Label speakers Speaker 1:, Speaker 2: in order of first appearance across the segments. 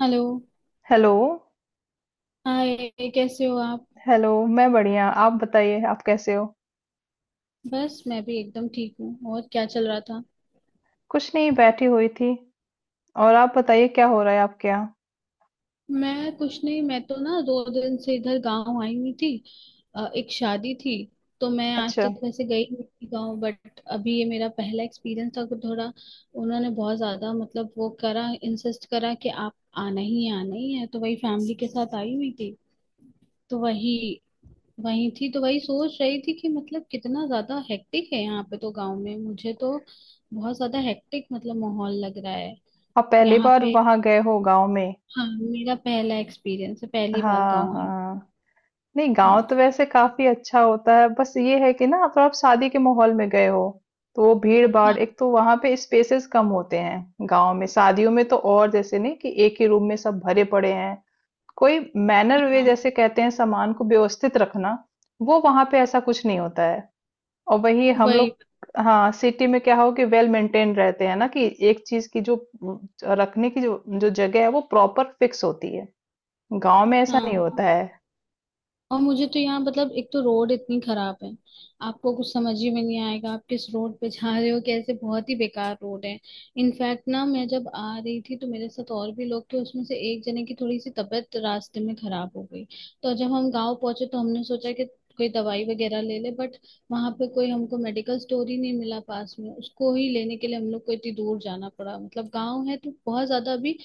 Speaker 1: Hello.
Speaker 2: Hello.
Speaker 1: Hi. कैसे हो आप?
Speaker 2: हेलो। मैं बढ़िया, आप बताइए, आप कैसे हो?
Speaker 1: बस मैं भी एकदम ठीक हूँ। और क्या चल रहा था?
Speaker 2: कुछ नहीं, बैठी हुई थी। और आप बताइए, क्या हो रहा है आपके यहाँ?
Speaker 1: मैं कुछ नहीं, मैं तो ना दो दिन से इधर गांव आई हुई थी। एक शादी थी। तो मैं आज
Speaker 2: अच्छा।
Speaker 1: तक वैसे गई नहीं थी गांव, बट अभी ये मेरा पहला एक्सपीरियंस था तो थोड़ा उन्होंने बहुत ज्यादा मतलब वो करा, इंसिस्ट करा कि आप आना ही है, तो वही फैमिली के साथ आई हुई थी। तो वही वही थी तो वही सोच रही थी कि मतलब कितना ज्यादा हेक्टिक है यहाँ पे, तो गांव में मुझे तो बहुत ज्यादा हेक्टिक मतलब माहौल लग रहा है।
Speaker 2: आप पहली
Speaker 1: यहाँ
Speaker 2: बार
Speaker 1: पे।
Speaker 2: वहां गए हो गांव में?
Speaker 1: हाँ, मेरा पहला एक्सपीरियंस है, पहली बार
Speaker 2: हाँ,
Speaker 1: गांव आई।
Speaker 2: हाँ। नहीं, गांव
Speaker 1: हूँ।
Speaker 2: तो वैसे काफी अच्छा होता है, बस ये है कि ना आप शादी के माहौल में गए हो। तो वो भीड़ भाड़,
Speaker 1: हाँ,
Speaker 2: एक तो वहां पे स्पेसेस कम होते हैं। गांव में शादियों में तो, और जैसे नहीं कि एक ही रूम में सब भरे पड़े हैं। कोई मैनर वे
Speaker 1: हाँ।
Speaker 2: जैसे कहते हैं, सामान को व्यवस्थित रखना। वो वहां पे ऐसा कुछ नहीं होता है। और वही हम लोग।
Speaker 1: वही।
Speaker 2: हाँ, सिटी में क्या हो कि वेल मेंटेन रहते हैं ना, कि एक चीज की जो अम, रखने की जो जो जगह है, वो प्रॉपर फिक्स होती है। गांव में ऐसा नहीं
Speaker 1: हाँ।
Speaker 2: होता है।
Speaker 1: और मुझे तो यहाँ मतलब एक तो रोड इतनी खराब है, आपको कुछ समझ ही में नहीं आएगा, आप किस रोड पे जा रहे हो कैसे, बहुत ही बेकार रोड है। इनफैक्ट ना मैं जब आ रही थी तो मेरे साथ और भी लोग थे, उसमें से एक जने की थोड़ी सी तबीयत रास्ते में खराब हो गई। तो जब हम गांव पहुंचे तो हमने सोचा कि कोई दवाई वगैरह ले ले, बट वहां पे कोई हमको मेडिकल स्टोर ही नहीं मिला पास में, उसको ही लेने के लिए हम लोग को इतनी दूर जाना पड़ा। मतलब गांव है तो बहुत ज्यादा अभी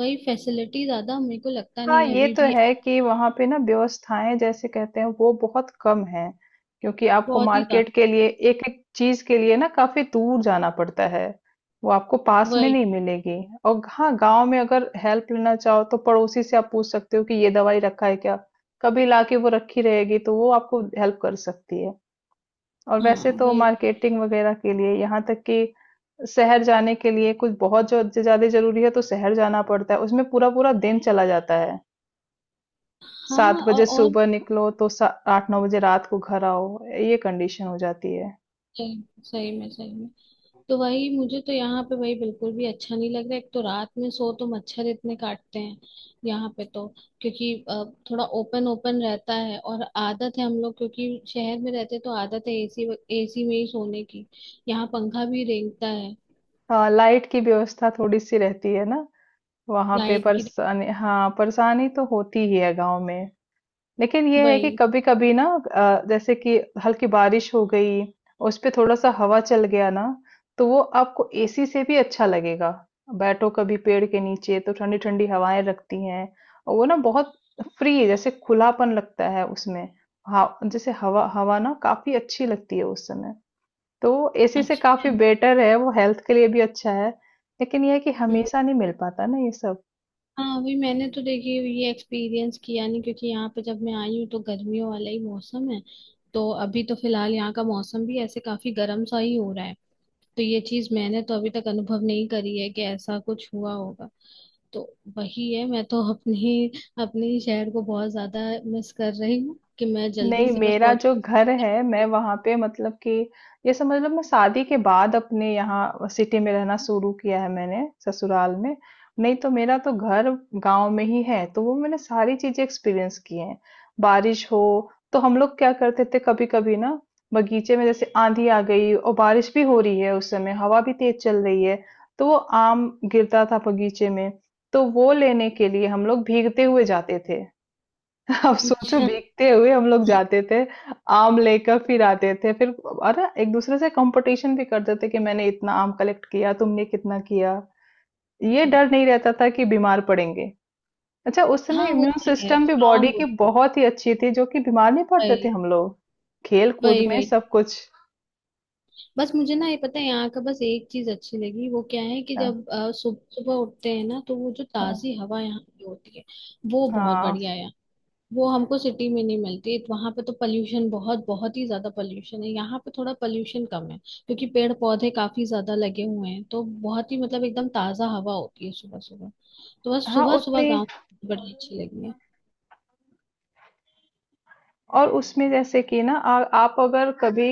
Speaker 1: वही फैसिलिटी ज्यादा मेरे को लगता
Speaker 2: हाँ,
Speaker 1: नहीं है
Speaker 2: ये
Speaker 1: अभी
Speaker 2: तो
Speaker 1: भी।
Speaker 2: है कि वहाँ पे ना व्यवस्थाएं जैसे कहते हैं, वो बहुत कम है। क्योंकि आपको
Speaker 1: बहुत ही ज्यादा।
Speaker 2: मार्केट के लिए एक एक चीज के लिए ना काफी दूर जाना पड़ता है। वो आपको पास में
Speaker 1: वही।
Speaker 2: नहीं मिलेगी। और हाँ, गांव में अगर हेल्प लेना चाहो तो पड़ोसी से आप पूछ सकते हो कि ये दवाई रखा है क्या। कभी लाके वो रखी रहेगी तो वो आपको हेल्प कर सकती है। और वैसे
Speaker 1: हाँ
Speaker 2: तो
Speaker 1: वही।
Speaker 2: मार्केटिंग वगैरह के लिए, यहाँ तक कि शहर जाने के लिए कुछ बहुत जो ज्यादा जरूरी है तो शहर जाना पड़ता है, उसमें पूरा पूरा दिन चला जाता है। 7
Speaker 1: हाँ
Speaker 2: बजे
Speaker 1: और
Speaker 2: सुबह निकलो तो सा 8-9 बजे रात को घर आओ, ये कंडीशन हो जाती है।
Speaker 1: सही सही में, सही में। तो वही मुझे तो यहाँ पे वही बिल्कुल भी अच्छा नहीं लग रहा, एक तो रात में सो तो मच्छर इतने काटते हैं यहाँ पे। तो क्योंकि थोड़ा ओपन ओपन रहता है, और आदत है हम लोग क्योंकि शहर में रहते हैं, तो आदत है एसी एसी में ही सोने की। यहाँ पंखा भी रेंगता है।
Speaker 2: हाँ, लाइट की व्यवस्था थोड़ी-सी रहती है ना, वहाँ पे
Speaker 1: लाइट की।
Speaker 2: परेशानी, हाँ, परेशानी तो होती ही है गाँव में। लेकिन ये है कि
Speaker 1: वही।
Speaker 2: कभी-कभी ना जैसे कि हल्की बारिश हो गई, उस पे थोड़ा-सा हवा चल गया ना, तो वो आपको एसी से भी अच्छा लगेगा। बैठो कभी पेड़ के नीचे तो ठंडी-ठंडी हवाएं लगती हैं। और वो ना बहुत फ्री जैसे खुलापन लगता है उसमें। हाँ, जैसे हवा हवा ना काफ़ी अच्छी लगती है उस समय। तो एसी से
Speaker 1: अच्छा
Speaker 2: काफ़ी
Speaker 1: है।
Speaker 2: बेटर है, वो हेल्थ के लिए भी अच्छा है। लेकिन ये है कि हमेशा नहीं मिल पाता ना ये सब।
Speaker 1: हाँ वही मैंने तो देखिए ये एक्सपीरियंस किया नहीं, क्योंकि यहाँ पे जब मैं आई हूँ तो गर्मियों वाला ही मौसम है। तो अभी तो फिलहाल यहाँ का मौसम भी ऐसे काफी गर्म सा ही हो रहा है, तो ये चीज मैंने तो अभी तक अनुभव नहीं करी है कि ऐसा कुछ हुआ होगा। तो वही है। मैं तो अपने अपने ही शहर को बहुत ज्यादा मिस कर रही हूँ कि मैं जल्दी
Speaker 2: नहीं,
Speaker 1: से बस
Speaker 2: मेरा
Speaker 1: पहुंच।
Speaker 2: जो घर है, मैं वहां पे मतलब कि ये समझ लो, मैं शादी के बाद अपने यहाँ सिटी में रहना शुरू किया है मैंने, ससुराल में। नहीं तो मेरा तो घर गांव में ही है, तो वो मैंने सारी चीजें एक्सपीरियंस की हैं। बारिश हो तो हम लोग क्या करते थे कभी कभी ना, बगीचे में जैसे आंधी आ गई और बारिश भी हो रही है, उस समय हवा भी तेज चल रही है, तो वो आम गिरता था बगीचे में। तो वो लेने के लिए हम लोग भीगते हुए जाते थे। अब सोचो,
Speaker 1: अच्छा।
Speaker 2: भीगते हुए हम लोग जाते थे, आम लेकर फिर आते थे। फिर अरे, एक दूसरे से कंपटीशन भी करते थे कि मैंने इतना आम कलेक्ट किया, तुमने कितना किया। ये डर नहीं रहता था कि बीमार पड़ेंगे। अच्छा, उस समय
Speaker 1: हाँ वो
Speaker 2: इम्यून
Speaker 1: तो है,
Speaker 2: सिस्टम भी बॉडी
Speaker 1: स्ट्रांग
Speaker 2: की
Speaker 1: हो।
Speaker 2: बहुत ही अच्छी थी, जो कि बीमार नहीं पड़ते थे
Speaker 1: वही,
Speaker 2: हम लोग। खेल कूद
Speaker 1: वही,
Speaker 2: में
Speaker 1: वही।
Speaker 2: सब कुछ।
Speaker 1: बस मुझे ना ये पता है, यहाँ का बस एक चीज अच्छी लगी, वो क्या है कि
Speaker 2: हाँ,
Speaker 1: जब सुबह सुबह उठते हैं ना तो वो जो
Speaker 2: हाँ,
Speaker 1: ताजी हवा यहाँ की होती है वो बहुत
Speaker 2: हाँ।
Speaker 1: बढ़िया है। वो हमको सिटी में नहीं मिलती। वहां पे तो पोल्यूशन बहुत, बहुत ही ज्यादा पोल्यूशन है, यहाँ पे थोड़ा पोल्यूशन कम है, क्योंकि पेड़ पौधे काफी ज्यादा लगे हुए हैं, तो बहुत ही मतलब एकदम ताजा हवा होती है सुबह सुबह। तो बस
Speaker 2: हाँ,
Speaker 1: सुबह सुबह
Speaker 2: उतनी।
Speaker 1: गाँव बड़ी अच्छी लगी है।
Speaker 2: और उसमें जैसे कि ना, आप अगर कभी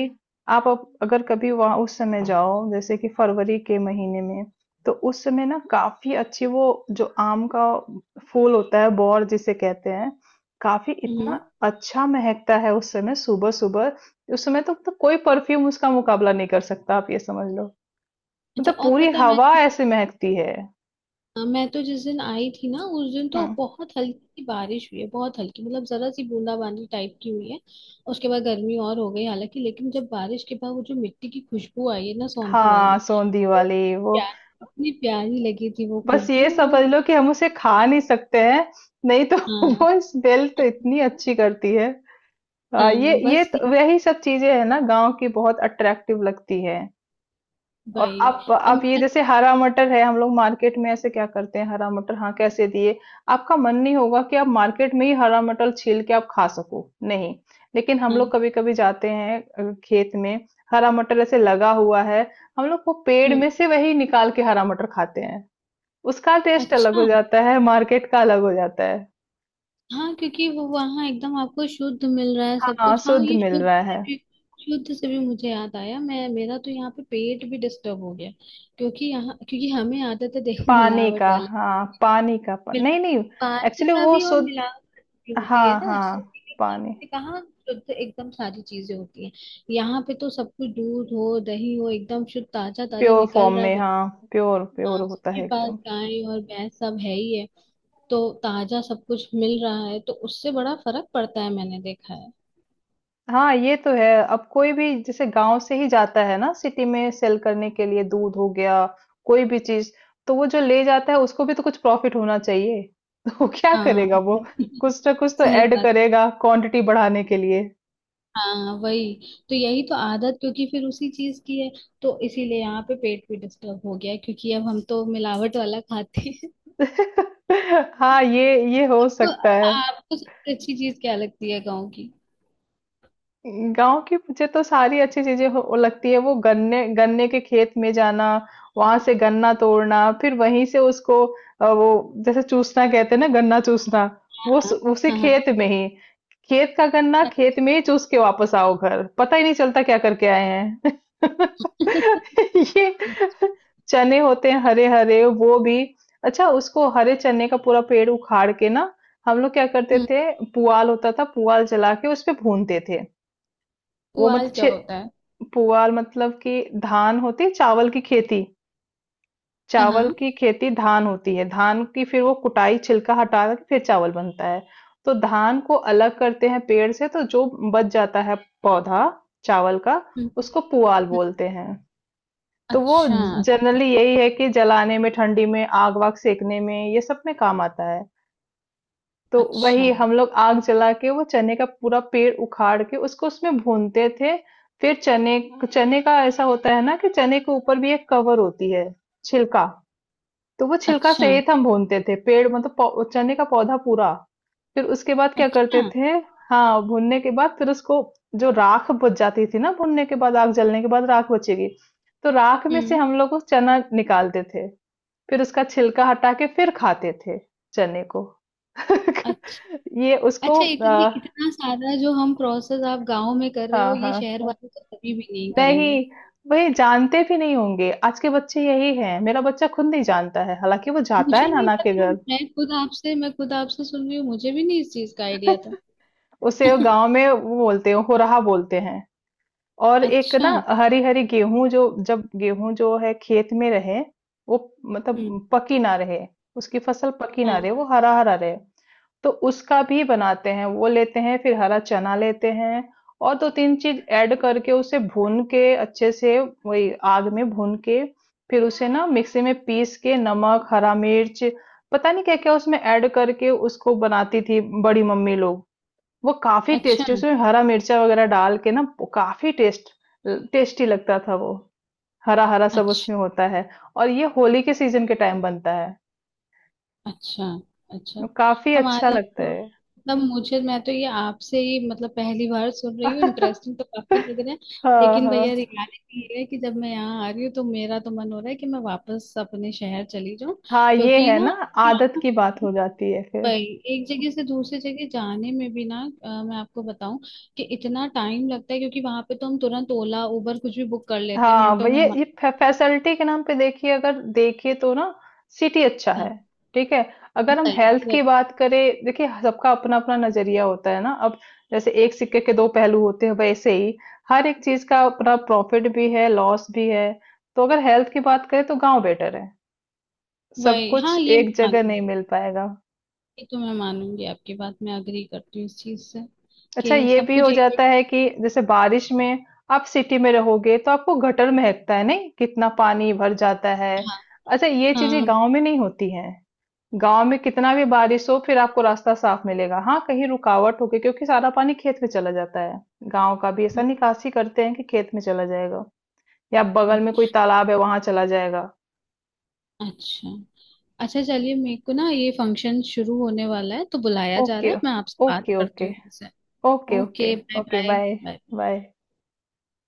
Speaker 2: आप अप- अगर कभी वहां उस समय जाओ जैसे कि फरवरी के महीने में, तो उस समय ना काफी अच्छी वो, जो आम का फूल होता है, बौर जिसे कहते हैं, काफी इतना
Speaker 1: हम्म।
Speaker 2: अच्छा महकता है उस समय सुबह सुबह। उस समय तो, कोई परफ्यूम उसका मुकाबला नहीं कर सकता, आप ये समझ लो।
Speaker 1: अच्छा
Speaker 2: मतलब
Speaker 1: और
Speaker 2: पूरी
Speaker 1: पता है मैं
Speaker 2: हवा ऐसे महकती है।
Speaker 1: हाँ, मैं तो जिस दिन आई थी ना उस दिन तो
Speaker 2: हम्म।
Speaker 1: बहुत हल्की सी बारिश हुई है, बहुत हल्की मतलब जरा सी बूंदाबांदी टाइप की हुई है। उसके बाद गर्मी और हो गई हालांकि, लेकिन जब बारिश के बाद वो जो मिट्टी की खुशबू आई है ना सौंधी
Speaker 2: हाँ,
Speaker 1: वाली,
Speaker 2: सोंधी
Speaker 1: वो
Speaker 2: वाली। वो,
Speaker 1: प्यार इतनी प्यारी लगी थी वो
Speaker 2: बस ये
Speaker 1: खुशबू, वो
Speaker 2: समझ लो कि
Speaker 1: मतलब।
Speaker 2: हम उसे खा नहीं सकते हैं। नहीं तो
Speaker 1: हाँ।
Speaker 2: वो स्मेल तो इतनी अच्छी करती है। ये
Speaker 1: हाँ
Speaker 2: ये
Speaker 1: बस ये-
Speaker 2: तो, वही सब चीजें है ना गांव की, बहुत अट्रैक्टिव लगती है। और
Speaker 1: भाई।
Speaker 2: आप
Speaker 1: और
Speaker 2: आप ये
Speaker 1: मेरा।
Speaker 2: जैसे हरा मटर है, हम लोग मार्केट में ऐसे क्या करते हैं, हरा मटर, हाँ, कैसे दिए। आपका मन नहीं होगा कि आप मार्केट में ही हरा मटर छील के आप खा सको, नहीं। लेकिन हम लोग
Speaker 1: हाँ।
Speaker 2: कभी कभी जाते हैं खेत में। हरा मटर ऐसे लगा हुआ है, हम लोग वो पेड़
Speaker 1: हम्म।
Speaker 2: में से वही निकाल के हरा मटर खाते हैं। उसका टेस्ट अलग हो
Speaker 1: अच्छा।
Speaker 2: जाता है, मार्केट का अलग हो जाता है।
Speaker 1: हाँ क्योंकि वो वहाँ एकदम आपको शुद्ध मिल रहा है सब
Speaker 2: हाँ,
Speaker 1: कुछ। हाँ
Speaker 2: शुद्ध
Speaker 1: ये
Speaker 2: मिल
Speaker 1: शुद्ध
Speaker 2: रहा
Speaker 1: से
Speaker 2: है।
Speaker 1: भी, मुझे याद आया। मैं मेरा तो यहाँ पे पेट भी डिस्टर्ब हो गया, क्योंकि यहाँ क्योंकि हमें आदत है देखो
Speaker 2: पानी
Speaker 1: मिलावट
Speaker 2: का,
Speaker 1: वाला
Speaker 2: हाँ, पानी का
Speaker 1: मिला,
Speaker 2: नहीं, नहीं।
Speaker 1: पानी
Speaker 2: एक्चुअली
Speaker 1: का
Speaker 2: वो
Speaker 1: भी, और
Speaker 2: शुद्ध।
Speaker 1: मिलावट भी होती है
Speaker 2: हाँ,
Speaker 1: ना
Speaker 2: हाँ।
Speaker 1: सब्जी
Speaker 2: पानी
Speaker 1: में, कहाँ शुद्ध एकदम सारी चीजें होती हैं। यहाँ पे तो सब कुछ दूध हो दही हो एकदम शुद्ध ताजा ताजा
Speaker 2: प्योर फॉर्म
Speaker 1: निकल रहा
Speaker 2: में,
Speaker 1: है।
Speaker 2: हाँ, प्योर प्योर
Speaker 1: हाँ
Speaker 2: होता
Speaker 1: सबके
Speaker 2: है
Speaker 1: पास
Speaker 2: एकदम।
Speaker 1: गाय और भैंस सब है ही है, तो ताजा सब कुछ मिल रहा है, तो उससे बड़ा फर्क पड़ता है, मैंने देखा है।
Speaker 2: हाँ, ये तो है, अब कोई भी जैसे गांव से ही जाता है ना सिटी में सेल करने के लिए, दूध हो गया, कोई भी चीज, तो वो जो ले जाता है उसको भी तो कुछ प्रॉफिट होना चाहिए। तो वो क्या
Speaker 1: हाँ।
Speaker 2: करेगा, वो कुछ ना कुछ तो
Speaker 1: सही
Speaker 2: ऐड
Speaker 1: बात।
Speaker 2: करेगा क्वांटिटी बढ़ाने के लिए।
Speaker 1: हाँ वही तो, यही तो आदत, क्योंकि फिर उसी चीज की है। तो इसीलिए यहाँ पे पेट भी डिस्टर्ब हो गया है, क्योंकि अब हम तो मिलावट वाला खाते हैं।
Speaker 2: हाँ, ये हो सकता है।
Speaker 1: आपको सबसे अच्छी चीज क्या लगती है गाँव की?
Speaker 2: गांव की मुझे तो सारी अच्छी चीजें हो लगती है, वो गन्ने गन्ने के खेत में जाना, वहां से गन्ना तोड़ना, फिर वहीं से उसको वो जैसे चूसना कहते हैं ना, गन्ना चूसना,
Speaker 1: हाँ,
Speaker 2: वो उसी
Speaker 1: हाँ, हाँ।
Speaker 2: खेत में ही, खेत का गन्ना खेत में ही चूस के वापस आओ, घर पता ही नहीं चलता क्या करके आए हैं। ये चने होते हैं हरे हरे, वो भी। अच्छा, उसको हरे चने का पूरा पेड़ उखाड़ के ना, हम लोग क्या करते
Speaker 1: हम्म।
Speaker 2: थे, पुआल होता था, पुआल जला के उस पे भूनते थे। वो मत
Speaker 1: पुआल क्या
Speaker 2: छे
Speaker 1: होता है?
Speaker 2: पुआल मतलब कि धान होती है, चावल की खेती।
Speaker 1: हाँ,
Speaker 2: चावल
Speaker 1: हाँ।
Speaker 2: की खेती धान होती है, धान की फिर वो कुटाई, छिलका हटा के फिर चावल बनता है। तो धान को अलग करते हैं पेड़ से, तो जो बच जाता है पौधा चावल का,
Speaker 1: हम्म।
Speaker 2: उसको पुआल
Speaker 1: हम्म।
Speaker 2: बोलते हैं। तो वो
Speaker 1: अच्छा।
Speaker 2: जनरली यही है कि जलाने में, ठंडी में आग वाग सेकने में, ये सब में काम आता है। तो
Speaker 1: अच्छा।
Speaker 2: वही हम लोग आग जला के वो चने का पूरा पेड़ उखाड़ के उसको उसमें भूनते थे। फिर चने, चने का ऐसा होता है ना कि चने के ऊपर भी एक कवर होती है, छिलका। तो वो छिलका
Speaker 1: अच्छा।
Speaker 2: सहित हम भूनते थे पेड़, मतलब चने का पौधा पूरा। फिर उसके बाद क्या करते
Speaker 1: अच्छा।
Speaker 2: थे, हाँ, भूनने के बाद फिर उसको, जो राख बच जाती थी ना भूनने के बाद, आग जलने के बाद राख बचेगी, तो राख में से
Speaker 1: हम्म।
Speaker 2: हम लोग वो चना निकालते थे। फिर उसका छिलका हटा के फिर खाते थे, चने को।
Speaker 1: अच्छा।
Speaker 2: ये उसको
Speaker 1: अच्छा इतनी इतना सारा जो हम प्रोसेस आप गांव में कर रहे हो,
Speaker 2: हाँ,
Speaker 1: ये
Speaker 2: हाँ,
Speaker 1: शहर
Speaker 2: हाँ।
Speaker 1: वाले तो कभी भी नहीं
Speaker 2: नहीं,
Speaker 1: करेंगे।
Speaker 2: वही जानते भी नहीं होंगे आज के बच्चे, यही हैं, मेरा बच्चा खुद नहीं जानता है, हालांकि वो जाता
Speaker 1: मुझे
Speaker 2: है
Speaker 1: नहीं
Speaker 2: नाना के
Speaker 1: पता।
Speaker 2: घर।
Speaker 1: मैं खुद आपसे सुन रही हूँ, मुझे भी नहीं इस चीज का आइडिया था।
Speaker 2: उसे वो गांव में वो बोलते हैं, हो रहा बोलते हैं। और एक
Speaker 1: अच्छा।
Speaker 2: ना, हरी हरी गेहूं जो, जब गेहूं जो है खेत में रहे, वो
Speaker 1: हम्म।
Speaker 2: मतलब पकी ना रहे, उसकी फसल पकी ना
Speaker 1: हाँ।
Speaker 2: रहे, वो हरा हरा रहे, तो उसका भी बनाते हैं, वो लेते हैं, फिर हरा चना लेते हैं और दो तीन चीज ऐड करके उसे भून के अच्छे से, वही आग में भून के, फिर उसे ना मिक्सी में पीस के, नमक, हरा मिर्च, पता नहीं क्या क्या उसमें ऐड करके उसको बनाती थी बड़ी मम्मी लोग। वो काफी
Speaker 1: अच्छा।
Speaker 2: टेस्टी, उसमें हरा मिर्चा वगैरह डाल के ना, वो काफी टेस्टी लगता था वो। हरा हरा सब
Speaker 1: अच्छा।
Speaker 2: उसमें होता है। और ये होली के सीजन के टाइम बनता है।
Speaker 1: अच्छा। अच्छा।
Speaker 2: काफी अच्छा
Speaker 1: हमारे यहाँ
Speaker 2: लगता
Speaker 1: तो
Speaker 2: है।
Speaker 1: मतलब मुझे मैं तो ये आपसे ही मतलब पहली बार सुन रही हूँ, इंटरेस्टिंग तो काफी लग रहा है।
Speaker 2: हाँ,
Speaker 1: लेकिन
Speaker 2: हाँ,
Speaker 1: भैया रियलिटी ये है कि जब मैं यहाँ आ रही हूँ तो मेरा तो मन हो रहा है कि मैं वापस अपने शहर चली जाऊँ,
Speaker 2: हाँ, ये
Speaker 1: क्योंकि
Speaker 2: है ना,
Speaker 1: ना
Speaker 2: आदत
Speaker 1: यहाँ
Speaker 2: की बात हो जाती है फिर।
Speaker 1: भाई एक जगह से दूसरी जगह जाने में भी ना मैं आपको बताऊं कि इतना टाइम लगता है, क्योंकि वहां पे तो हम तुरंत ओला उबर कुछ भी बुक कर लेते हैं
Speaker 2: हाँ, वो
Speaker 1: मिनटों में
Speaker 2: ये
Speaker 1: हमारे।
Speaker 2: फैसिलिटी के नाम पे देखिए, अगर देखिए तो ना, सिटी अच्छा है,
Speaker 1: हाँ,
Speaker 2: ठीक है। अगर हम
Speaker 1: वही,
Speaker 2: हेल्थ
Speaker 1: वही,
Speaker 2: की बात करें, देखिए सबका अपना अपना नजरिया होता है ना। अब जैसे एक सिक्के के दो पहलू होते हैं, वैसे ही हर एक चीज का अपना प्रॉफिट भी है, लॉस भी है। तो अगर हेल्थ की बात करें तो गांव बेटर है, सब
Speaker 1: वही।
Speaker 2: कुछ
Speaker 1: हाँ ये
Speaker 2: एक
Speaker 1: मैं
Speaker 2: जगह नहीं
Speaker 1: मानूंगी।
Speaker 2: मिल पाएगा।
Speaker 1: ये तो मैं मानूंगी आपकी बात, मैं अग्री करती हूँ इस चीज से
Speaker 2: अच्छा,
Speaker 1: कि
Speaker 2: ये
Speaker 1: सब
Speaker 2: भी
Speaker 1: कुछ
Speaker 2: हो
Speaker 1: एक
Speaker 2: जाता
Speaker 1: एक।
Speaker 2: है कि जैसे बारिश में आप सिटी में रहोगे तो आपको गटर महकता है, नहीं, कितना पानी भर जाता है।
Speaker 1: हाँ,
Speaker 2: अच्छा, ये चीजें
Speaker 1: हाँ।
Speaker 2: गांव में नहीं होती हैं। गांव में कितना भी बारिश हो, फिर आपको रास्ता साफ मिलेगा, हाँ, कहीं रुकावट होगी, क्योंकि सारा पानी खेत में चला जाता है। गांव का भी ऐसा
Speaker 1: हम्म।
Speaker 2: निकासी करते हैं कि खेत में चला जाएगा, या बगल
Speaker 1: हम्म।
Speaker 2: में कोई तालाब है वहां चला जाएगा।
Speaker 1: अच्छा। अच्छा चलिए, मेरे को ना ये फंक्शन शुरू होने वाला है, तो बुलाया जा
Speaker 2: ओके।
Speaker 1: रहा है, मैं आपसे बात
Speaker 2: ओके, ओके।
Speaker 1: करती हूँ फिर से।
Speaker 2: Okay, okay.
Speaker 1: Okay, bye
Speaker 2: okay,
Speaker 1: bye.
Speaker 2: Bye,
Speaker 1: bye.
Speaker 2: Bye.